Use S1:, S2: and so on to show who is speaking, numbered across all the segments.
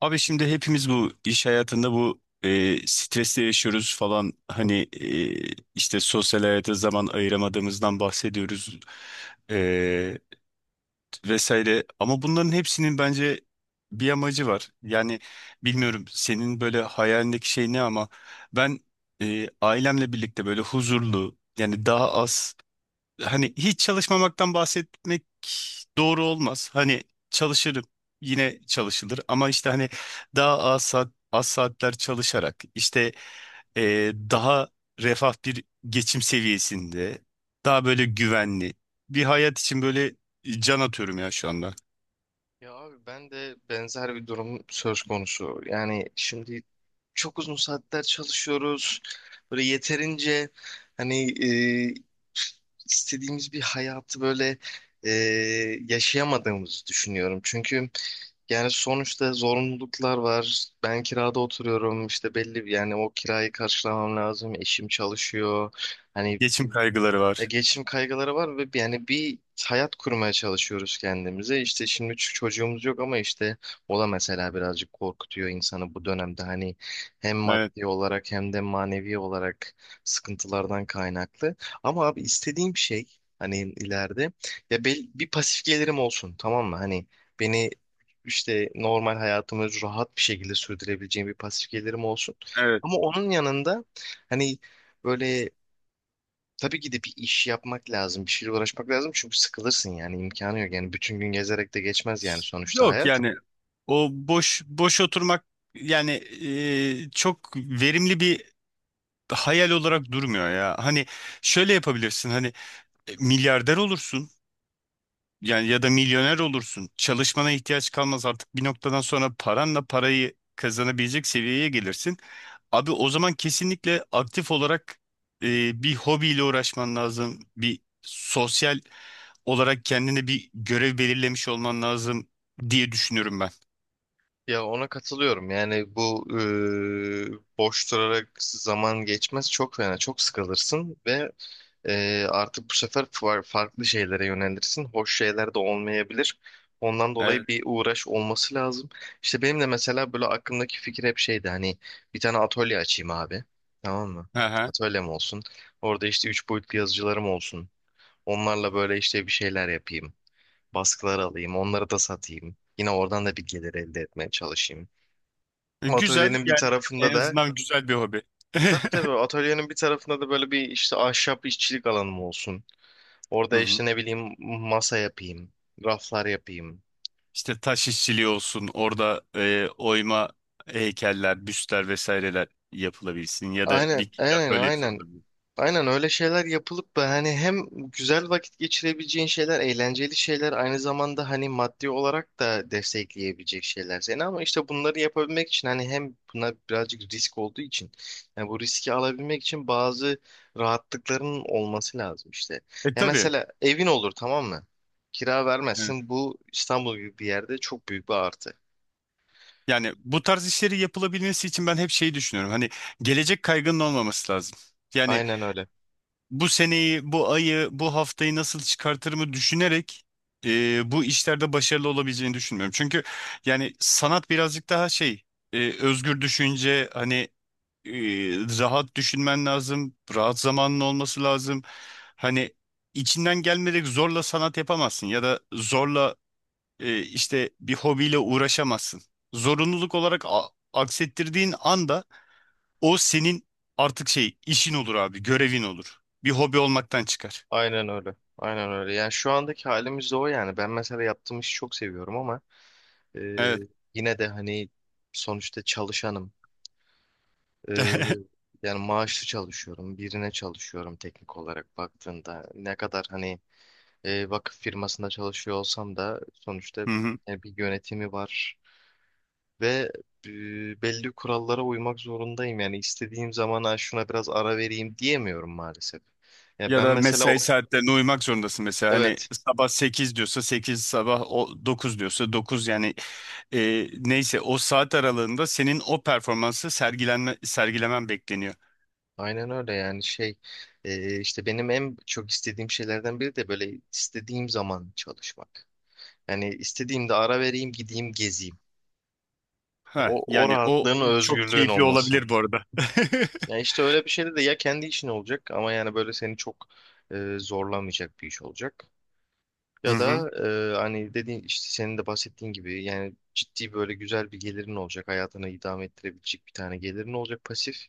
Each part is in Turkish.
S1: Abi şimdi hepimiz bu iş hayatında bu stresle yaşıyoruz falan hani işte sosyal hayata zaman ayıramadığımızdan bahsediyoruz e, vesaire ama bunların hepsinin bence bir amacı var. Yani bilmiyorum senin böyle hayalindeki şey ne ama ben ailemle birlikte böyle huzurlu yani daha az hani hiç çalışmamaktan bahsetmek doğru olmaz. Hani çalışırım yine çalışılır ama işte hani daha az saat, az saatler çalışarak işte daha refah bir geçim seviyesinde daha böyle güvenli bir hayat için böyle can atıyorum ya şu anda.
S2: Ya abi ben de benzer bir durum söz konusu. Yani şimdi çok uzun saatler çalışıyoruz. Böyle yeterince hani, istediğimiz bir hayatı böyle e, yaşayamadığımızı düşünüyorum. Çünkü yani sonuçta zorunluluklar var. Ben kirada oturuyorum. İşte belli bir, yani o kirayı karşılamam lazım. Eşim çalışıyor. Hani
S1: Geçim kaygıları
S2: ya
S1: var.
S2: geçim kaygıları var ve yani bir hayat kurmaya çalışıyoruz kendimize. İşte şimdi çocuğumuz yok ama işte o da mesela birazcık korkutuyor insanı bu dönemde. Hani hem
S1: Evet,
S2: maddi olarak hem de manevi olarak sıkıntılardan kaynaklı. Ama abi istediğim şey hani ileride, ya bir pasif gelirim olsun, tamam mı? Hani beni işte normal hayatımı rahat bir şekilde sürdürebileceğim bir pasif gelirim olsun.
S1: evet.
S2: Ama onun yanında hani böyle tabii ki de bir iş yapmak lazım, bir şeyle uğraşmak lazım, çünkü sıkılırsın, yani imkanı yok. Yani bütün gün gezerek de geçmez yani sonuçta
S1: Yok
S2: hayat.
S1: yani o boş boş oturmak yani çok verimli bir hayal olarak durmuyor ya. Hani şöyle yapabilirsin hani milyarder olursun yani ya da milyoner olursun. Çalışmana ihtiyaç kalmaz artık bir noktadan sonra paranla parayı kazanabilecek seviyeye gelirsin. Abi o zaman kesinlikle aktif olarak bir hobiyle uğraşman lazım. Bir sosyal olarak kendine bir görev belirlemiş olman lazım diye düşünüyorum ben.
S2: Ya ona katılıyorum. Yani bu boş durarak zaman geçmez, çok fena. Çok sıkılırsın ve artık bu sefer farklı şeylere yönelirsin. Hoş şeyler de olmayabilir. Ondan dolayı
S1: Evet.
S2: bir uğraş olması lazım. İşte benim de mesela böyle aklımdaki fikir hep şeydi hani, bir tane atölye açayım abi. Tamam mı?
S1: Hı hı.
S2: Atölyem olsun. Orada işte üç boyutlu yazıcılarım olsun. Onlarla böyle işte bir şeyler yapayım. Baskılar alayım, onları da satayım. Yine oradan da bir gelir elde etmeye çalışayım.
S1: Güzel
S2: Atölyenin bir
S1: yani
S2: tarafında
S1: en
S2: da.
S1: azından güzel bir hobi.
S2: e, tabii tabii, atölyenin bir tarafında da böyle bir işte ahşap işçilik alanım olsun.
S1: Hı
S2: Orada
S1: hı.
S2: işte ne bileyim masa yapayım, raflar yapayım.
S1: İşte taş işçiliği olsun, orada oyma heykeller, büstler vesaireler yapılabilsin ya da
S2: Aynen,
S1: bir
S2: aynen,
S1: atölyesi
S2: aynen.
S1: olabilir.
S2: Aynen öyle şeyler yapılıp da hani hem güzel vakit geçirebileceğin şeyler, eğlenceli şeyler, aynı zamanda hani maddi olarak da destekleyebilecek şeyler seni. Ama işte bunları yapabilmek için hani, hem buna birazcık risk olduğu için, yani bu riski alabilmek için, bazı rahatlıkların olması lazım işte.
S1: E
S2: Ya
S1: tabii.
S2: mesela evin olur, tamam mı? Kira
S1: Evet.
S2: vermezsin. Bu İstanbul gibi bir yerde çok büyük bir artı.
S1: Yani bu tarz işleri yapılabilmesi için ben hep şeyi düşünüyorum. Hani gelecek kaygının olmaması lazım. Yani
S2: Aynen öyle.
S1: bu seneyi, bu ayı, bu haftayı nasıl çıkartırımı düşünerek bu işlerde başarılı olabileceğini düşünmüyorum. Çünkü yani sanat birazcık daha şey, özgür düşünce, hani e, rahat düşünmen lazım. Rahat zamanın olması lazım. Hani içinden gelmeyerek zorla sanat yapamazsın ya da zorla işte bir hobiyle uğraşamazsın. Zorunluluk olarak aksettirdiğin anda o senin artık şey işin olur abi, görevin olur. Bir hobi olmaktan çıkar.
S2: Aynen öyle. Aynen öyle. Yani şu andaki halimiz de o yani. Ben mesela yaptığım işi çok seviyorum, ama e,
S1: Evet.
S2: yine de hani sonuçta çalışanım. E, yani maaşlı çalışıyorum. Birine çalışıyorum teknik olarak baktığında. Ne kadar hani vakıf firmasında çalışıyor olsam da, sonuçta
S1: Hı hı.
S2: bir yönetimi var. Ve e, belli kurallara uymak zorundayım. Yani istediğim zaman, "Ha, şuna biraz ara vereyim," diyemiyorum maalesef. Ya
S1: Ya
S2: ben
S1: da
S2: mesela
S1: mesai saatlerine uymak zorundasın mesela. Hani
S2: evet.
S1: sabah 8 diyorsa sekiz, sabah o dokuz diyorsa 9 yani neyse o saat aralığında senin o performansı sergilemen bekleniyor.
S2: Aynen öyle yani şey, işte benim en çok istediğim şeylerden biri de böyle istediğim zaman çalışmak. Yani istediğimde ara vereyim, gideyim, gezeyim.
S1: Ha,
S2: O
S1: yani o
S2: rahatlığın, o
S1: çok
S2: özgürlüğün
S1: keyifli
S2: olması.
S1: olabilir bu arada.
S2: Ya işte öyle bir şeyde de ya kendi işin olacak, ama yani böyle seni çok zorlamayacak bir iş olacak.
S1: Hı
S2: Ya
S1: hı.
S2: da hani dediğin, işte senin de bahsettiğin gibi, yani ciddi böyle güzel bir gelirin olacak. Hayatını idame ettirebilecek bir tane gelirin olacak, pasif.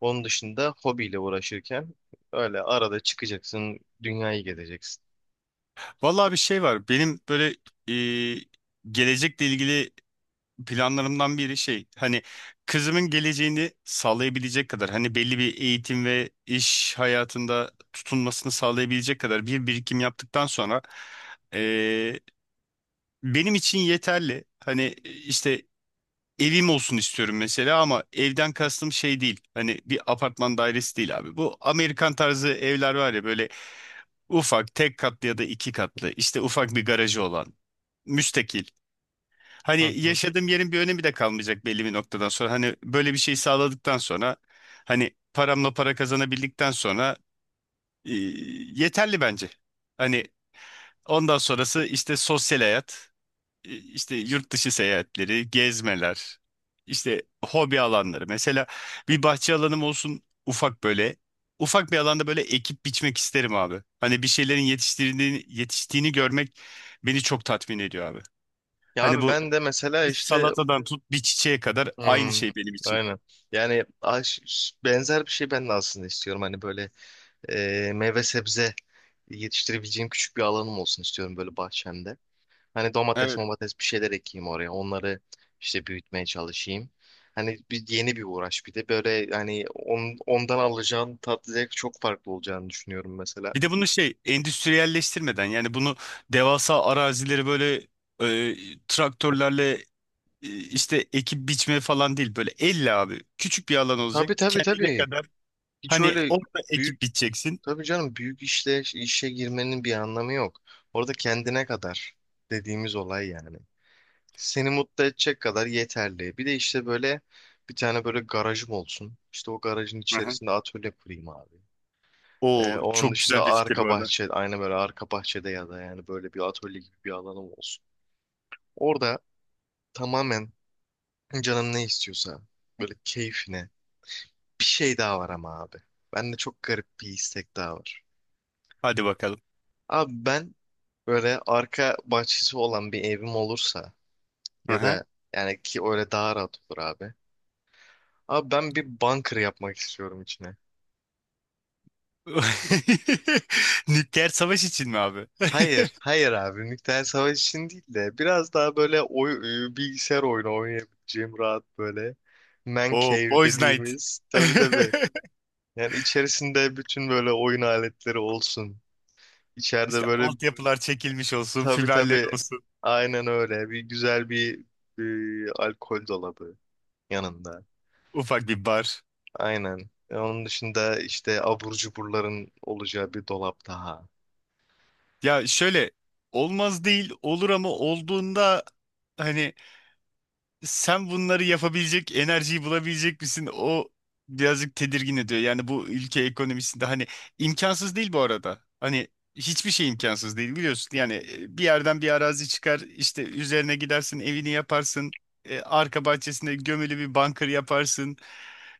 S2: Onun dışında hobiyle uğraşırken öyle arada çıkacaksın, dünyayı gezeceksin.
S1: Vallahi bir şey var. Benim böyle e, gelecekle ilgili planlarımdan biri şey hani kızımın geleceğini sağlayabilecek kadar hani belli bir eğitim ve iş hayatında tutunmasını sağlayabilecek kadar bir birikim yaptıktan sonra eee, benim için yeterli. Hani işte evim olsun istiyorum mesela ama evden kastım şey değil. Hani bir apartman dairesi değil abi. Bu Amerikan tarzı evler var ya böyle ufak tek katlı ya da iki katlı işte ufak bir garajı olan müstakil. Hani
S2: Hı hı.
S1: yaşadığım yerin bir önemi de kalmayacak belli bir noktadan sonra. Hani böyle bir şey sağladıktan sonra hani paramla para kazanabildikten sonra e, yeterli bence. Hani ondan sonrası işte sosyal hayat, işte yurt dışı seyahatleri, gezmeler, işte hobi alanları. Mesela bir bahçe alanım olsun ufak böyle. Ufak bir alanda böyle ekip biçmek isterim abi. Hani bir şeylerin yetiştiğini görmek beni çok tatmin ediyor abi.
S2: Ya
S1: Hani
S2: abi
S1: bu
S2: ben de mesela
S1: bir
S2: işte
S1: salatadan tut bir çiçeğe kadar aynı
S2: hmm,
S1: şey benim için.
S2: aynen. Yani benzer bir şey ben de aslında istiyorum. Hani böyle meyve sebze yetiştirebileceğim küçük bir alanım olsun istiyorum böyle bahçemde. Hani
S1: Evet.
S2: domates bir şeyler ekeyim oraya. Onları işte büyütmeye çalışayım. Hani bir yeni bir uğraş, bir de böyle hani ondan alacağın tatlı zevk çok farklı olacağını düşünüyorum mesela.
S1: Bir de bunu şey endüstriyelleştirmeden yani bunu devasa arazileri böyle traktörlerle işte ekip biçme falan değil böyle elle abi küçük bir alan olacak
S2: Tabii tabii
S1: kendine
S2: tabii.
S1: kadar
S2: Hiç
S1: hani
S2: öyle
S1: orada
S2: büyük,
S1: ekip biçeceksin.
S2: tabii canım, büyük işe girmenin bir anlamı yok. Orada kendine kadar dediğimiz olay yani. Seni mutlu edecek kadar yeterli. Bir de işte böyle bir tane böyle garajım olsun. İşte o garajın
S1: Aha.
S2: içerisinde atölye kurayım abi. Ee,
S1: Oo
S2: onun
S1: çok
S2: dışında
S1: güzel bir fikir bu
S2: arka
S1: arada.
S2: bahçe, aynı böyle arka bahçede ya da yani böyle bir atölye gibi bir alanım olsun. Orada tamamen canım ne istiyorsa, böyle keyfine. Bir şey daha var ama abi. Bende çok garip bir istek daha var.
S1: Hadi bakalım.
S2: Abi ben böyle arka bahçesi olan bir evim olursa, ya
S1: Aha.
S2: da yani ki öyle daha rahat olur abi. Abi ben bir bunker yapmak istiyorum içine.
S1: Nükleer savaş için mi abi?
S2: Hayır, hayır abi. Nükleer savaş için değil de, biraz daha böyle bilgisayar oyunu oynayabileceğim rahat böyle, man
S1: Oo
S2: cave
S1: Boys Night.
S2: dediğimiz. Tabii tabii. Yani içerisinde bütün böyle oyun aletleri olsun. İçeride
S1: İşte
S2: böyle,
S1: altyapılar çekilmiş olsun,
S2: tabii
S1: fiberleri
S2: tabii,
S1: olsun.
S2: aynen öyle. Bir güzel bir alkol dolabı yanında.
S1: Ufak bir bar.
S2: Aynen. Onun dışında işte abur cuburların olacağı bir dolap daha.
S1: Ya şöyle olmaz değil olur ama olduğunda hani sen bunları yapabilecek enerjiyi bulabilecek misin? O birazcık tedirgin ediyor. Yani bu ülke ekonomisinde hani imkansız değil bu arada. Hani hiçbir şey imkansız değil biliyorsun. Yani bir yerden bir arazi çıkar işte üzerine gidersin evini yaparsın. E, arka bahçesinde gömülü bir bunker yaparsın.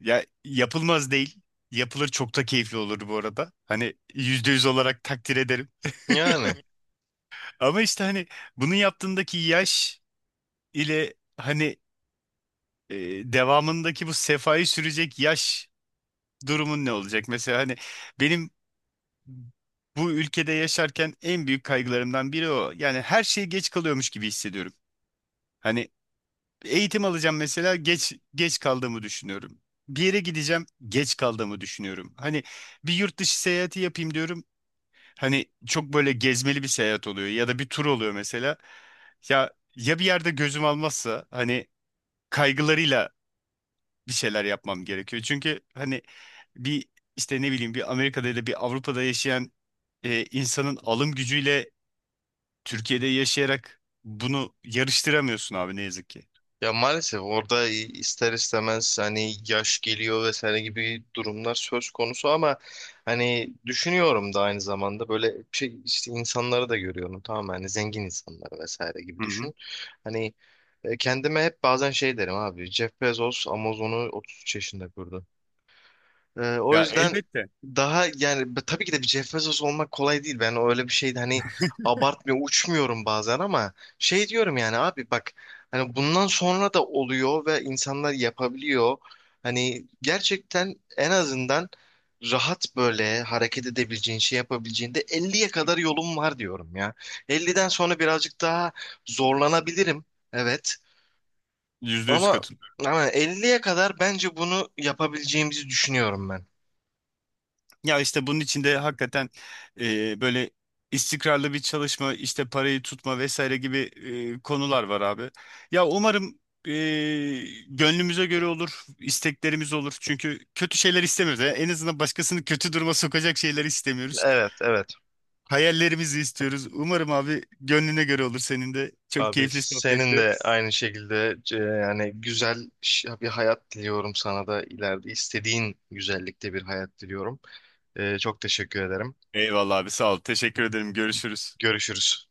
S1: Ya yapılmaz değil. Yapılır çok da keyifli olur bu arada. Hani yüzde yüz olarak takdir ederim.
S2: Yani.
S1: Ama işte hani bunu yaptığındaki yaş ile hani e, devamındaki bu sefayı sürecek yaş durumun ne olacak? Mesela hani benim bu ülkede yaşarken en büyük kaygılarımdan biri o. Yani her şey geç kalıyormuş gibi hissediyorum. Hani eğitim alacağım mesela geç kaldığımı düşünüyorum. Bir yere gideceğim geç kaldığımı düşünüyorum. Hani bir yurt dışı seyahati yapayım diyorum. Hani çok böyle gezmeli bir seyahat oluyor ya da bir tur oluyor mesela. Ya ya bir yerde gözüm almazsa hani kaygılarıyla bir şeyler yapmam gerekiyor. Çünkü hani bir işte ne bileyim bir Amerika'da ya da bir Avrupa'da yaşayan insanın alım gücüyle Türkiye'de yaşayarak bunu yarıştıramıyorsun abi ne yazık ki.
S2: Ya maalesef orada ister istemez hani yaş geliyor vesaire gibi durumlar söz konusu, ama hani düşünüyorum da, aynı zamanda böyle şey, işte insanları da görüyorum, tamam mı? Hani zengin insanlar vesaire gibi
S1: Hı hı.
S2: düşün. Hani kendime hep bazen şey derim abi: Jeff Bezos Amazon'u 33 yaşında kurdu. O
S1: Ya
S2: yüzden
S1: elbette.
S2: daha yani tabii ki de bir Jeff Bezos olmak kolay değil. Ben öyle bir şey hani abartmıyor, uçmuyorum bazen, ama şey diyorum yani, abi bak, hani bundan sonra da oluyor ve insanlar yapabiliyor. Hani gerçekten en azından rahat böyle hareket edebileceğin, şey yapabileceğinde 50'ye kadar yolum var diyorum ya. 50'den sonra birazcık daha zorlanabilirim. Evet.
S1: Yüzde yüz
S2: Ama
S1: katılıyorum.
S2: ama 50'ye kadar bence bunu yapabileceğimizi düşünüyorum ben.
S1: Ya işte bunun içinde hakikaten böyle istikrarlı bir çalışma, işte parayı tutma vesaire gibi konular var abi. Ya umarım e, gönlümüze göre olur, isteklerimiz olur. Çünkü kötü şeyler istemiyoruz. Yani en azından başkasını kötü duruma sokacak şeyler istemiyoruz.
S2: Evet, evet.
S1: Hayallerimizi istiyoruz. Umarım abi gönlüne göre olur senin de. Çok
S2: Abi
S1: keyifli
S2: senin
S1: sohbetti.
S2: de aynı şekilde yani güzel bir hayat diliyorum sana da, ileride istediğin güzellikte bir hayat diliyorum. Çok teşekkür ederim.
S1: Eyvallah abi sağ ol. Teşekkür ederim. Görüşürüz.
S2: Görüşürüz.